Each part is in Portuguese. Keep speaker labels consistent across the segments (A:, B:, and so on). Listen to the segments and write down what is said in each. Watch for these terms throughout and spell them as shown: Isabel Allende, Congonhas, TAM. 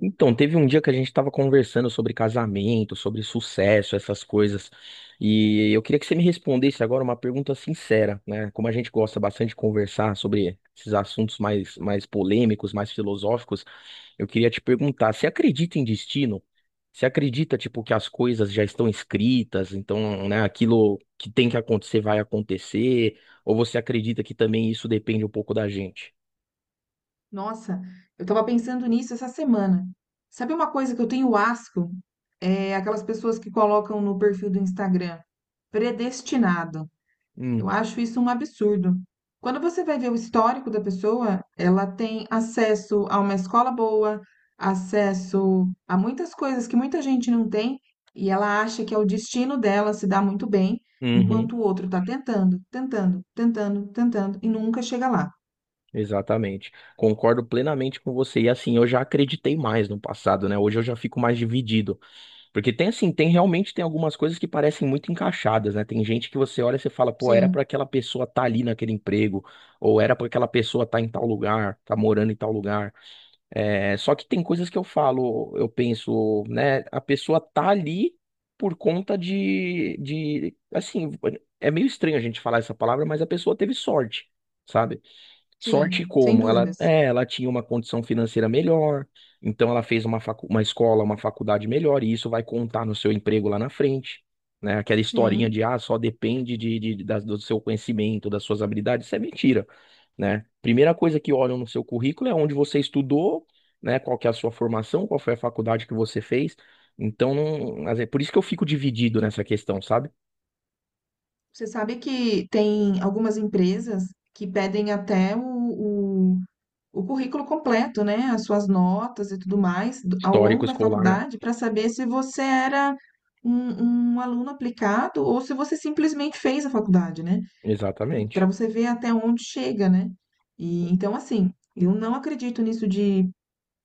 A: Então, teve um dia que a gente estava conversando sobre casamento, sobre sucesso, essas coisas. E eu queria que você me respondesse agora uma pergunta sincera, né? Como a gente gosta bastante de conversar sobre esses assuntos mais polêmicos, mais filosóficos, eu queria te perguntar, você acredita em destino? Você acredita, tipo, que as coisas já estão escritas, então, né, aquilo que tem que acontecer vai acontecer? Ou você acredita que também isso depende um pouco da gente?
B: Nossa, eu estava pensando nisso essa semana. Sabe uma coisa que eu tenho asco? É aquelas pessoas que colocam no perfil do Instagram, predestinado.
A: Hum,
B: Eu acho isso um absurdo. Quando você vai ver o histórico da pessoa, ela tem acesso a uma escola boa, acesso a muitas coisas que muita gente não tem, e ela acha que é o destino dela se dar muito bem,
A: uhum.
B: enquanto o outro está tentando e nunca chega lá.
A: Exatamente. Concordo plenamente com você. E assim, eu já acreditei mais no passado, né? Hoje eu já fico mais dividido. Porque tem assim, tem realmente tem algumas coisas que parecem muito encaixadas, né? Tem gente que você olha e você fala, pô, era
B: Sim,
A: pra aquela pessoa estar ali naquele emprego, ou era pra aquela pessoa estar em tal lugar, tá morando em tal lugar. É, só que tem coisas que eu falo, eu penso, né? A pessoa tá ali por conta de, assim, é meio estranho a gente falar essa palavra, mas a pessoa teve sorte, sabe? Sorte
B: sim, sem
A: como ela,
B: dúvidas.
A: ela tinha uma condição financeira melhor, então ela fez uma escola, uma faculdade melhor, e isso vai contar no seu emprego lá na frente, né? Aquela historinha
B: Sim.
A: de ah, só depende do seu conhecimento, das suas habilidades, isso é mentira, né? Primeira coisa que olham no seu currículo é onde você estudou, né? Qual que é a sua formação, qual foi a faculdade que você fez. Então, não, por isso que eu fico dividido nessa questão, sabe?
B: Você sabe que tem algumas empresas que pedem até o currículo completo, né? As suas notas e tudo mais ao
A: Histórico
B: longo da
A: escolar, né?
B: faculdade para saber se você era um aluno aplicado ou se você simplesmente fez a faculdade, né? Para
A: Exatamente.
B: você ver até onde chega, né? E então, assim, eu não acredito nisso de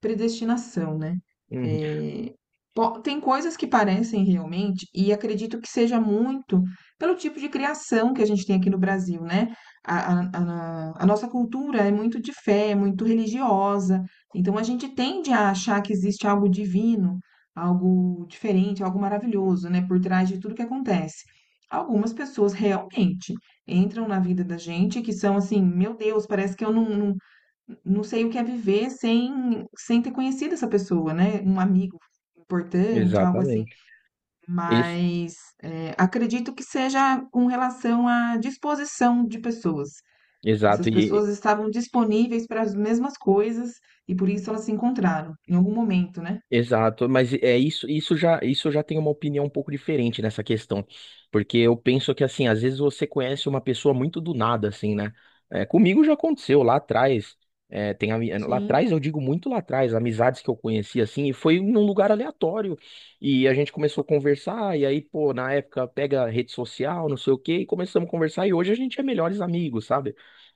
B: predestinação, né?
A: Uhum,
B: É, tem coisas que parecem realmente, e acredito que seja muito pelo tipo de criação que a gente tem aqui no Brasil, né? A nossa cultura é muito de fé, é muito religiosa, então a gente tende a achar que existe algo divino, algo diferente, algo maravilhoso, né? Por trás de tudo que acontece. Algumas pessoas realmente entram na vida da gente que são assim, meu Deus, parece que eu não sei o que é viver sem, sem ter conhecido essa pessoa, né? Um amigo importante, algo assim.
A: exatamente. Esse,
B: Mas acredito que seja com relação à disposição de pessoas. Essas
A: exato.
B: pessoas estavam disponíveis para as mesmas coisas e por isso elas se encontraram em algum momento, né?
A: Exato, mas é isso já tem uma opinião um pouco diferente nessa questão, porque eu penso que assim, às vezes você conhece uma pessoa muito do nada, assim, né? Comigo já aconteceu lá atrás, lá
B: Sim,
A: atrás eu digo muito lá atrás, amizades que eu conheci assim, e foi num lugar aleatório e a gente começou a conversar e aí pô, na época pega rede social, não sei o quê, e começamos a conversar e hoje a gente é melhores amigos, sabe?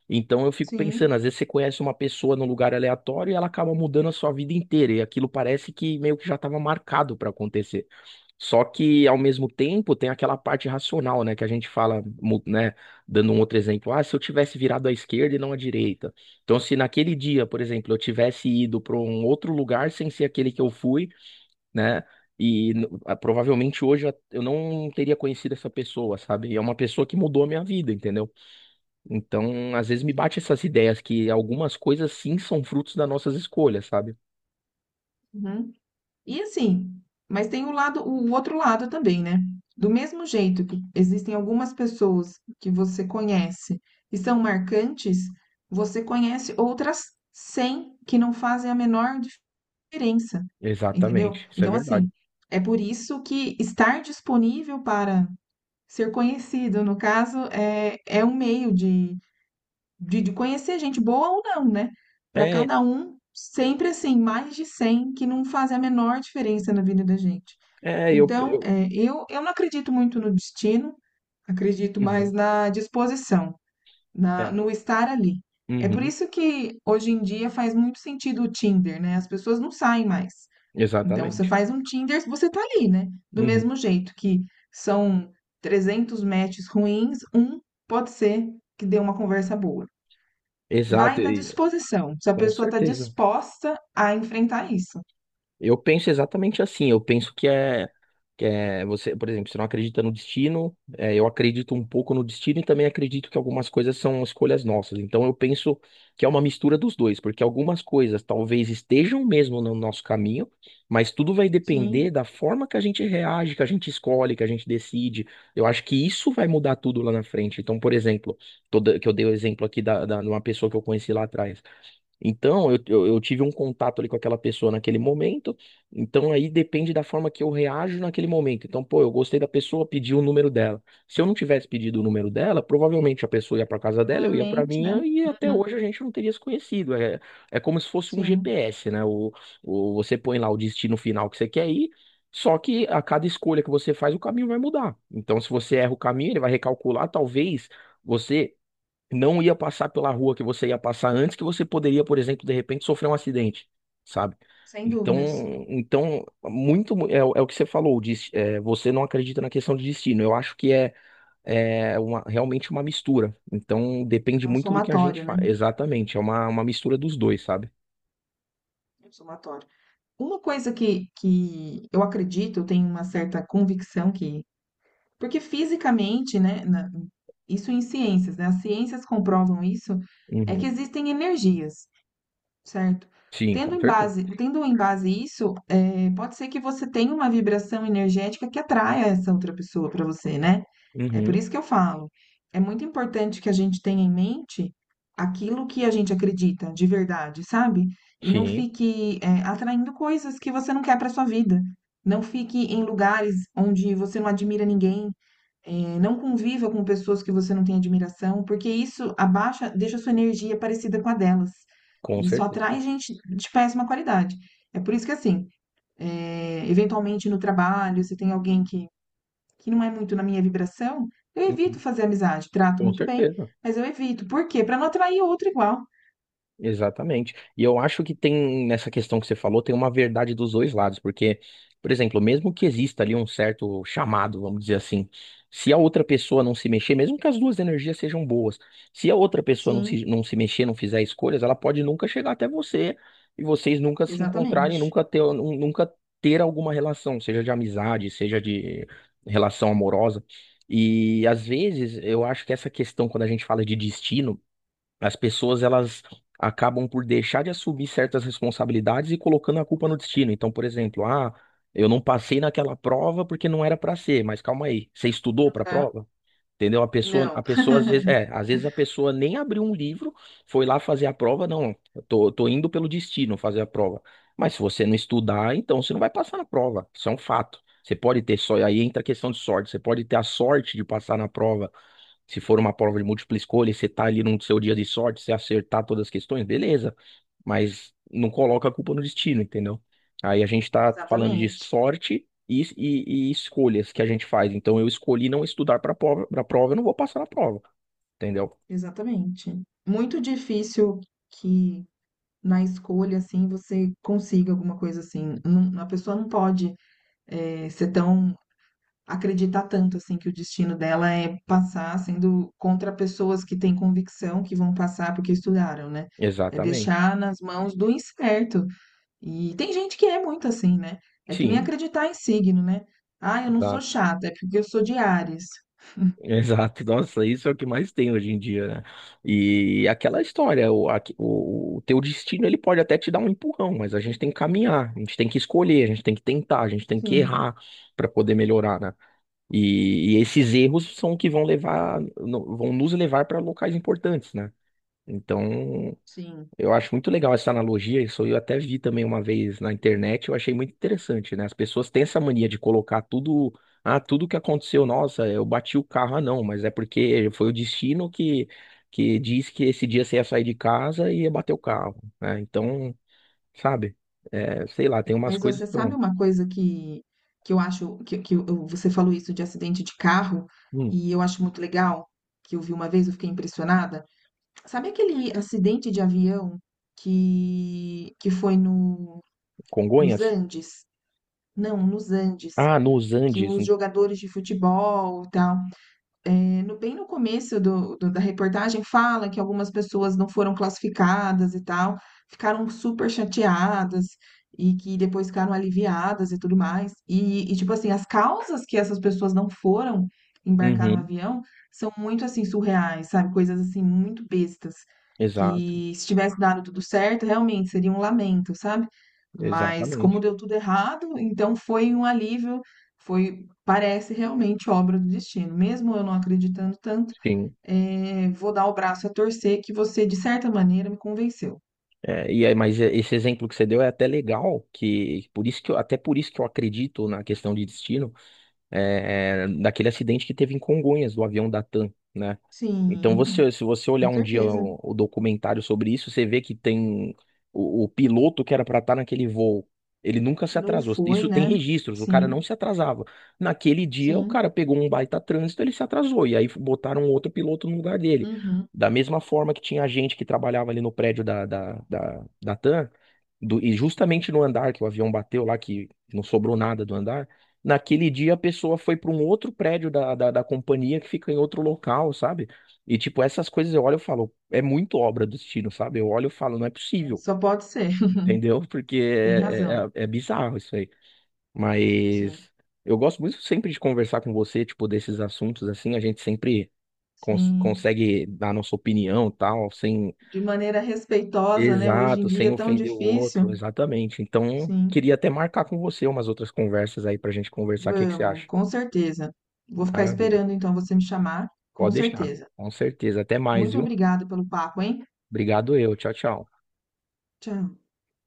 A: Então eu fico
B: sim.
A: pensando, às vezes você conhece uma pessoa num lugar aleatório e ela acaba mudando a sua vida inteira, e aquilo parece que meio que já estava marcado para acontecer. Só que ao mesmo tempo tem aquela parte racional, né, que a gente fala, né, dando um outro exemplo, ah, se eu tivesse virado à esquerda e não à direita. Então se naquele dia, por exemplo, eu tivesse ido para um outro lugar sem ser aquele que eu fui, né, provavelmente hoje eu não teria conhecido essa pessoa, sabe? E é uma pessoa que mudou a minha vida, entendeu? Então, às vezes me
B: E-
A: bate essas ideias que algumas coisas sim são frutos das nossas escolhas, sabe?
B: Uhum. E assim, mas tem o lado, o outro lado também, né? Do mesmo jeito que existem algumas pessoas que você conhece e são marcantes, você conhece outras 100 que não fazem a menor diferença, entendeu?
A: Exatamente, isso é
B: Então, assim,
A: verdade.
B: é por isso que estar disponível para ser conhecido, no caso, é, é um meio de de conhecer gente boa ou não, né? Para
A: É,
B: cada um, sempre assim, mais de 100 que não fazem a menor diferença na vida da gente.
A: é, eu,
B: Então,
A: eu,
B: é, eu não acredito muito no destino, acredito mais
A: uhum,
B: na disposição, na,
A: é,
B: no estar ali. É por
A: uhum,
B: isso que hoje em dia faz muito sentido o Tinder, né? As pessoas não saem mais. Então, você
A: exatamente,
B: faz um Tinder, você tá ali, né? Do
A: uhum,
B: mesmo jeito que são 300 matches ruins, um pode ser que dê uma conversa boa. Vai
A: exato,
B: da
A: e,
B: disposição, se a
A: com
B: pessoa está
A: certeza.
B: disposta a enfrentar isso.
A: Eu penso exatamente assim, eu penso que é você, por exemplo, você não acredita no destino, eu acredito um pouco no destino e também acredito que algumas coisas são escolhas nossas. Então eu penso que é uma mistura dos dois, porque algumas coisas talvez estejam mesmo no nosso caminho, mas tudo vai
B: Sim,
A: depender da forma que a gente reage, que a gente escolhe, que a gente decide. Eu acho que isso vai mudar tudo lá na frente. Então, por exemplo, que eu dei o exemplo aqui de uma pessoa que eu conheci lá atrás. Então, eu tive um contato ali com aquela pessoa naquele momento, então aí depende da forma que eu reajo naquele momento. Então, pô, eu gostei da pessoa, pedi o número dela. Se eu não tivesse pedido o número dela, provavelmente a pessoa ia para casa dela, eu ia para
B: provavelmente, né.
A: minha, e até
B: Uhum,
A: hoje a gente não teria se conhecido. É, é como se fosse um
B: sim,
A: GPS, né? Você põe lá o destino final que você quer ir, só que a cada escolha que você faz, o caminho vai mudar. Então, se você erra o caminho, ele vai recalcular, talvez. Você não ia passar pela rua que você ia passar antes, que você poderia, por exemplo, de repente sofrer um acidente, sabe?
B: sem dúvidas.
A: Então, então muito é o que você falou, você não acredita na questão de destino. Eu acho que realmente uma mistura. Então, depende
B: É um
A: muito do que a gente
B: somatório, né,
A: faz. Exatamente, é uma mistura dos dois, sabe?
B: é um somatório. Uma coisa que eu acredito, eu tenho uma certa convicção que porque fisicamente, né, na isso em ciências, né, as ciências comprovam isso, é que
A: Uhum.
B: existem energias. Certo.
A: Sim,
B: Tendo
A: com
B: em
A: certeza.
B: base tendo em base isso, pode ser que você tenha uma vibração energética que atraia essa outra pessoa para você, né. É por
A: Uhum.
B: isso que eu falo, é muito importante que a gente tenha em mente aquilo que a gente acredita de verdade, sabe. E não
A: Sim,
B: fique, atraindo coisas que você não quer para sua vida. Não fique em lugares onde você não admira ninguém, é, não conviva com pessoas que você não tem admiração, porque isso abaixa, deixa a sua energia parecida com a delas.
A: com
B: E isso
A: certeza.
B: atrai gente de péssima qualidade. É por isso que, assim, é, eventualmente no trabalho, se tem alguém que não é muito na minha vibração, eu evito
A: Uhum.
B: fazer amizade. Trato
A: Com
B: muito bem,
A: certeza.
B: mas eu evito. Por quê? Para não atrair outro igual.
A: Exatamente. E eu acho que tem, nessa questão que você falou, tem uma verdade dos dois lados, porque, por exemplo, mesmo que exista ali um certo chamado, vamos dizer assim, se a outra pessoa não se mexer, mesmo que as duas energias sejam boas, se a outra pessoa não se,
B: Sim,
A: não se mexer, não fizer escolhas, ela pode nunca chegar até você e vocês nunca se encontrarem,
B: exatamente.
A: nunca ter alguma relação, seja de amizade, seja de relação amorosa. E às vezes eu acho que essa questão, quando a gente fala de destino, as pessoas elas acabam por deixar de assumir certas responsabilidades e colocando a culpa no destino. Então, por exemplo, ah, eu não passei naquela prova porque não era para ser, mas calma aí, você estudou para a
B: Né?
A: prova? Entendeu? A pessoa, a
B: Não,
A: pessoa às vezes a pessoa nem abriu um livro, foi lá fazer a prova, não, eu tô indo pelo destino fazer a prova. Mas se você não estudar, então você não vai passar na prova. Isso é um fato. Você pode ter só, aí entra a questão de sorte. Você pode ter a sorte de passar na prova se for uma prova de múltipla escolha, e você tá ali no seu dia de sorte, você acertar todas as questões, beleza. Mas não coloca a culpa no destino, entendeu? Aí a gente tá falando de
B: exatamente.
A: sorte e escolhas que a gente faz. Então eu escolhi não estudar para prova, eu não vou passar na prova, entendeu?
B: Exatamente. Muito difícil que na escolha, assim, você consiga alguma coisa assim. Não, a pessoa não pode ser tão, acreditar tanto assim que o destino dela é passar sendo contra pessoas que têm convicção que vão passar porque estudaram, né? É
A: Exatamente.
B: deixar nas mãos do incerto. E tem gente que é muito assim, né? É que nem
A: Sim.
B: acreditar em signo, né? Ah, eu não sou
A: Exato.
B: chata, é porque eu sou de Áries.
A: Exato, nossa, isso é o que mais tem hoje em dia, né? E aquela história, o teu destino ele pode até te dar um empurrão, mas a gente tem que caminhar, a gente tem que escolher, a gente tem que tentar, a gente tem que
B: Sim,
A: errar para poder melhorar, né? E esses erros são o que vão levar, no- vão nos levar para locais importantes, né? Então,
B: sim.
A: eu acho muito legal essa analogia, isso eu até vi também uma vez na internet, eu achei muito interessante, né? As pessoas têm essa mania de colocar tudo, ah, tudo que aconteceu, nossa, eu bati o carro, ah, não, mas é porque foi o destino que disse que esse dia você ia sair de casa e ia bater o carro, né? Então, sabe, sei lá, tem umas
B: Mas
A: coisas
B: você
A: que
B: sabe
A: eu-
B: uma coisa que eu acho que, você falou isso de acidente de carro
A: Hum,
B: e eu acho muito legal, que eu vi uma vez, eu fiquei impressionada. Sabe aquele acidente de avião que foi no, nos
A: Congonhas?
B: Andes? Não, nos Andes,
A: Ah, nos
B: que
A: Andes.
B: os jogadores de futebol e tal no bem no começo do da reportagem fala que algumas pessoas não foram classificadas e tal, ficaram super chateadas e que depois ficaram aliviadas e tudo mais. Tipo assim, as causas que essas pessoas não foram embarcar no
A: Uhum,
B: avião são muito, assim, surreais, sabe, coisas, assim, muito bestas,
A: exato,
B: que se tivesse dado tudo certo, realmente seria um lamento, sabe? Mas como
A: exatamente.
B: deu tudo errado, então foi um alívio, foi, parece realmente obra do destino. Mesmo eu não acreditando tanto,
A: Sim.
B: vou dar o braço a torcer que você, de certa maneira, me convenceu.
A: É, e aí, mas esse exemplo que você deu é até legal, que por isso que eu, até por isso que eu acredito na questão de destino, daquele acidente que teve em Congonhas, do avião da TAM, né? Então,
B: Sim,
A: se você olhar
B: com
A: um dia
B: certeza.
A: o documentário sobre isso, você vê que tem o piloto que era para estar naquele voo. Ele nunca se
B: Não
A: atrasou.
B: foi,
A: Isso tem
B: né?
A: registros, o cara
B: Sim,
A: não se atrasava. Naquele dia, o
B: sim.
A: cara pegou um baita trânsito, ele se atrasou. E aí botaram outro piloto no lugar dele.
B: Uhum.
A: Da mesma forma que tinha gente que trabalhava ali no prédio da TAM, e justamente no andar que o avião bateu lá, que não sobrou nada do andar. Naquele dia, a pessoa foi para um outro prédio da companhia que fica em outro local, sabe? E, tipo, essas coisas eu olho e falo, é muito obra do destino, sabe? Eu olho e falo, não é
B: É,
A: possível,
B: só pode ser.
A: entendeu? Porque
B: Tem
A: é,
B: razão.
A: é, é bizarro isso aí.
B: Sim,
A: Mas eu gosto muito sempre de conversar com você, tipo, desses assuntos, assim, a gente sempre cons-
B: sim.
A: consegue dar nossa opinião, tal, sem.
B: De maneira respeitosa, né? Hoje em
A: Exato,
B: dia
A: sem
B: é tão
A: ofender o
B: difícil.
A: outro, exatamente. Então,
B: Sim.
A: queria até marcar com você umas outras conversas aí pra gente conversar, o que que você
B: Vamos,
A: acha?
B: com certeza. Vou ficar
A: Maravilha.
B: esperando então você me chamar, com
A: Pode deixar,
B: certeza.
A: com certeza. Até mais,
B: Muito
A: viu?
B: obrigada pelo papo, hein?
A: Obrigado eu, tchau, tchau.
B: Tchau.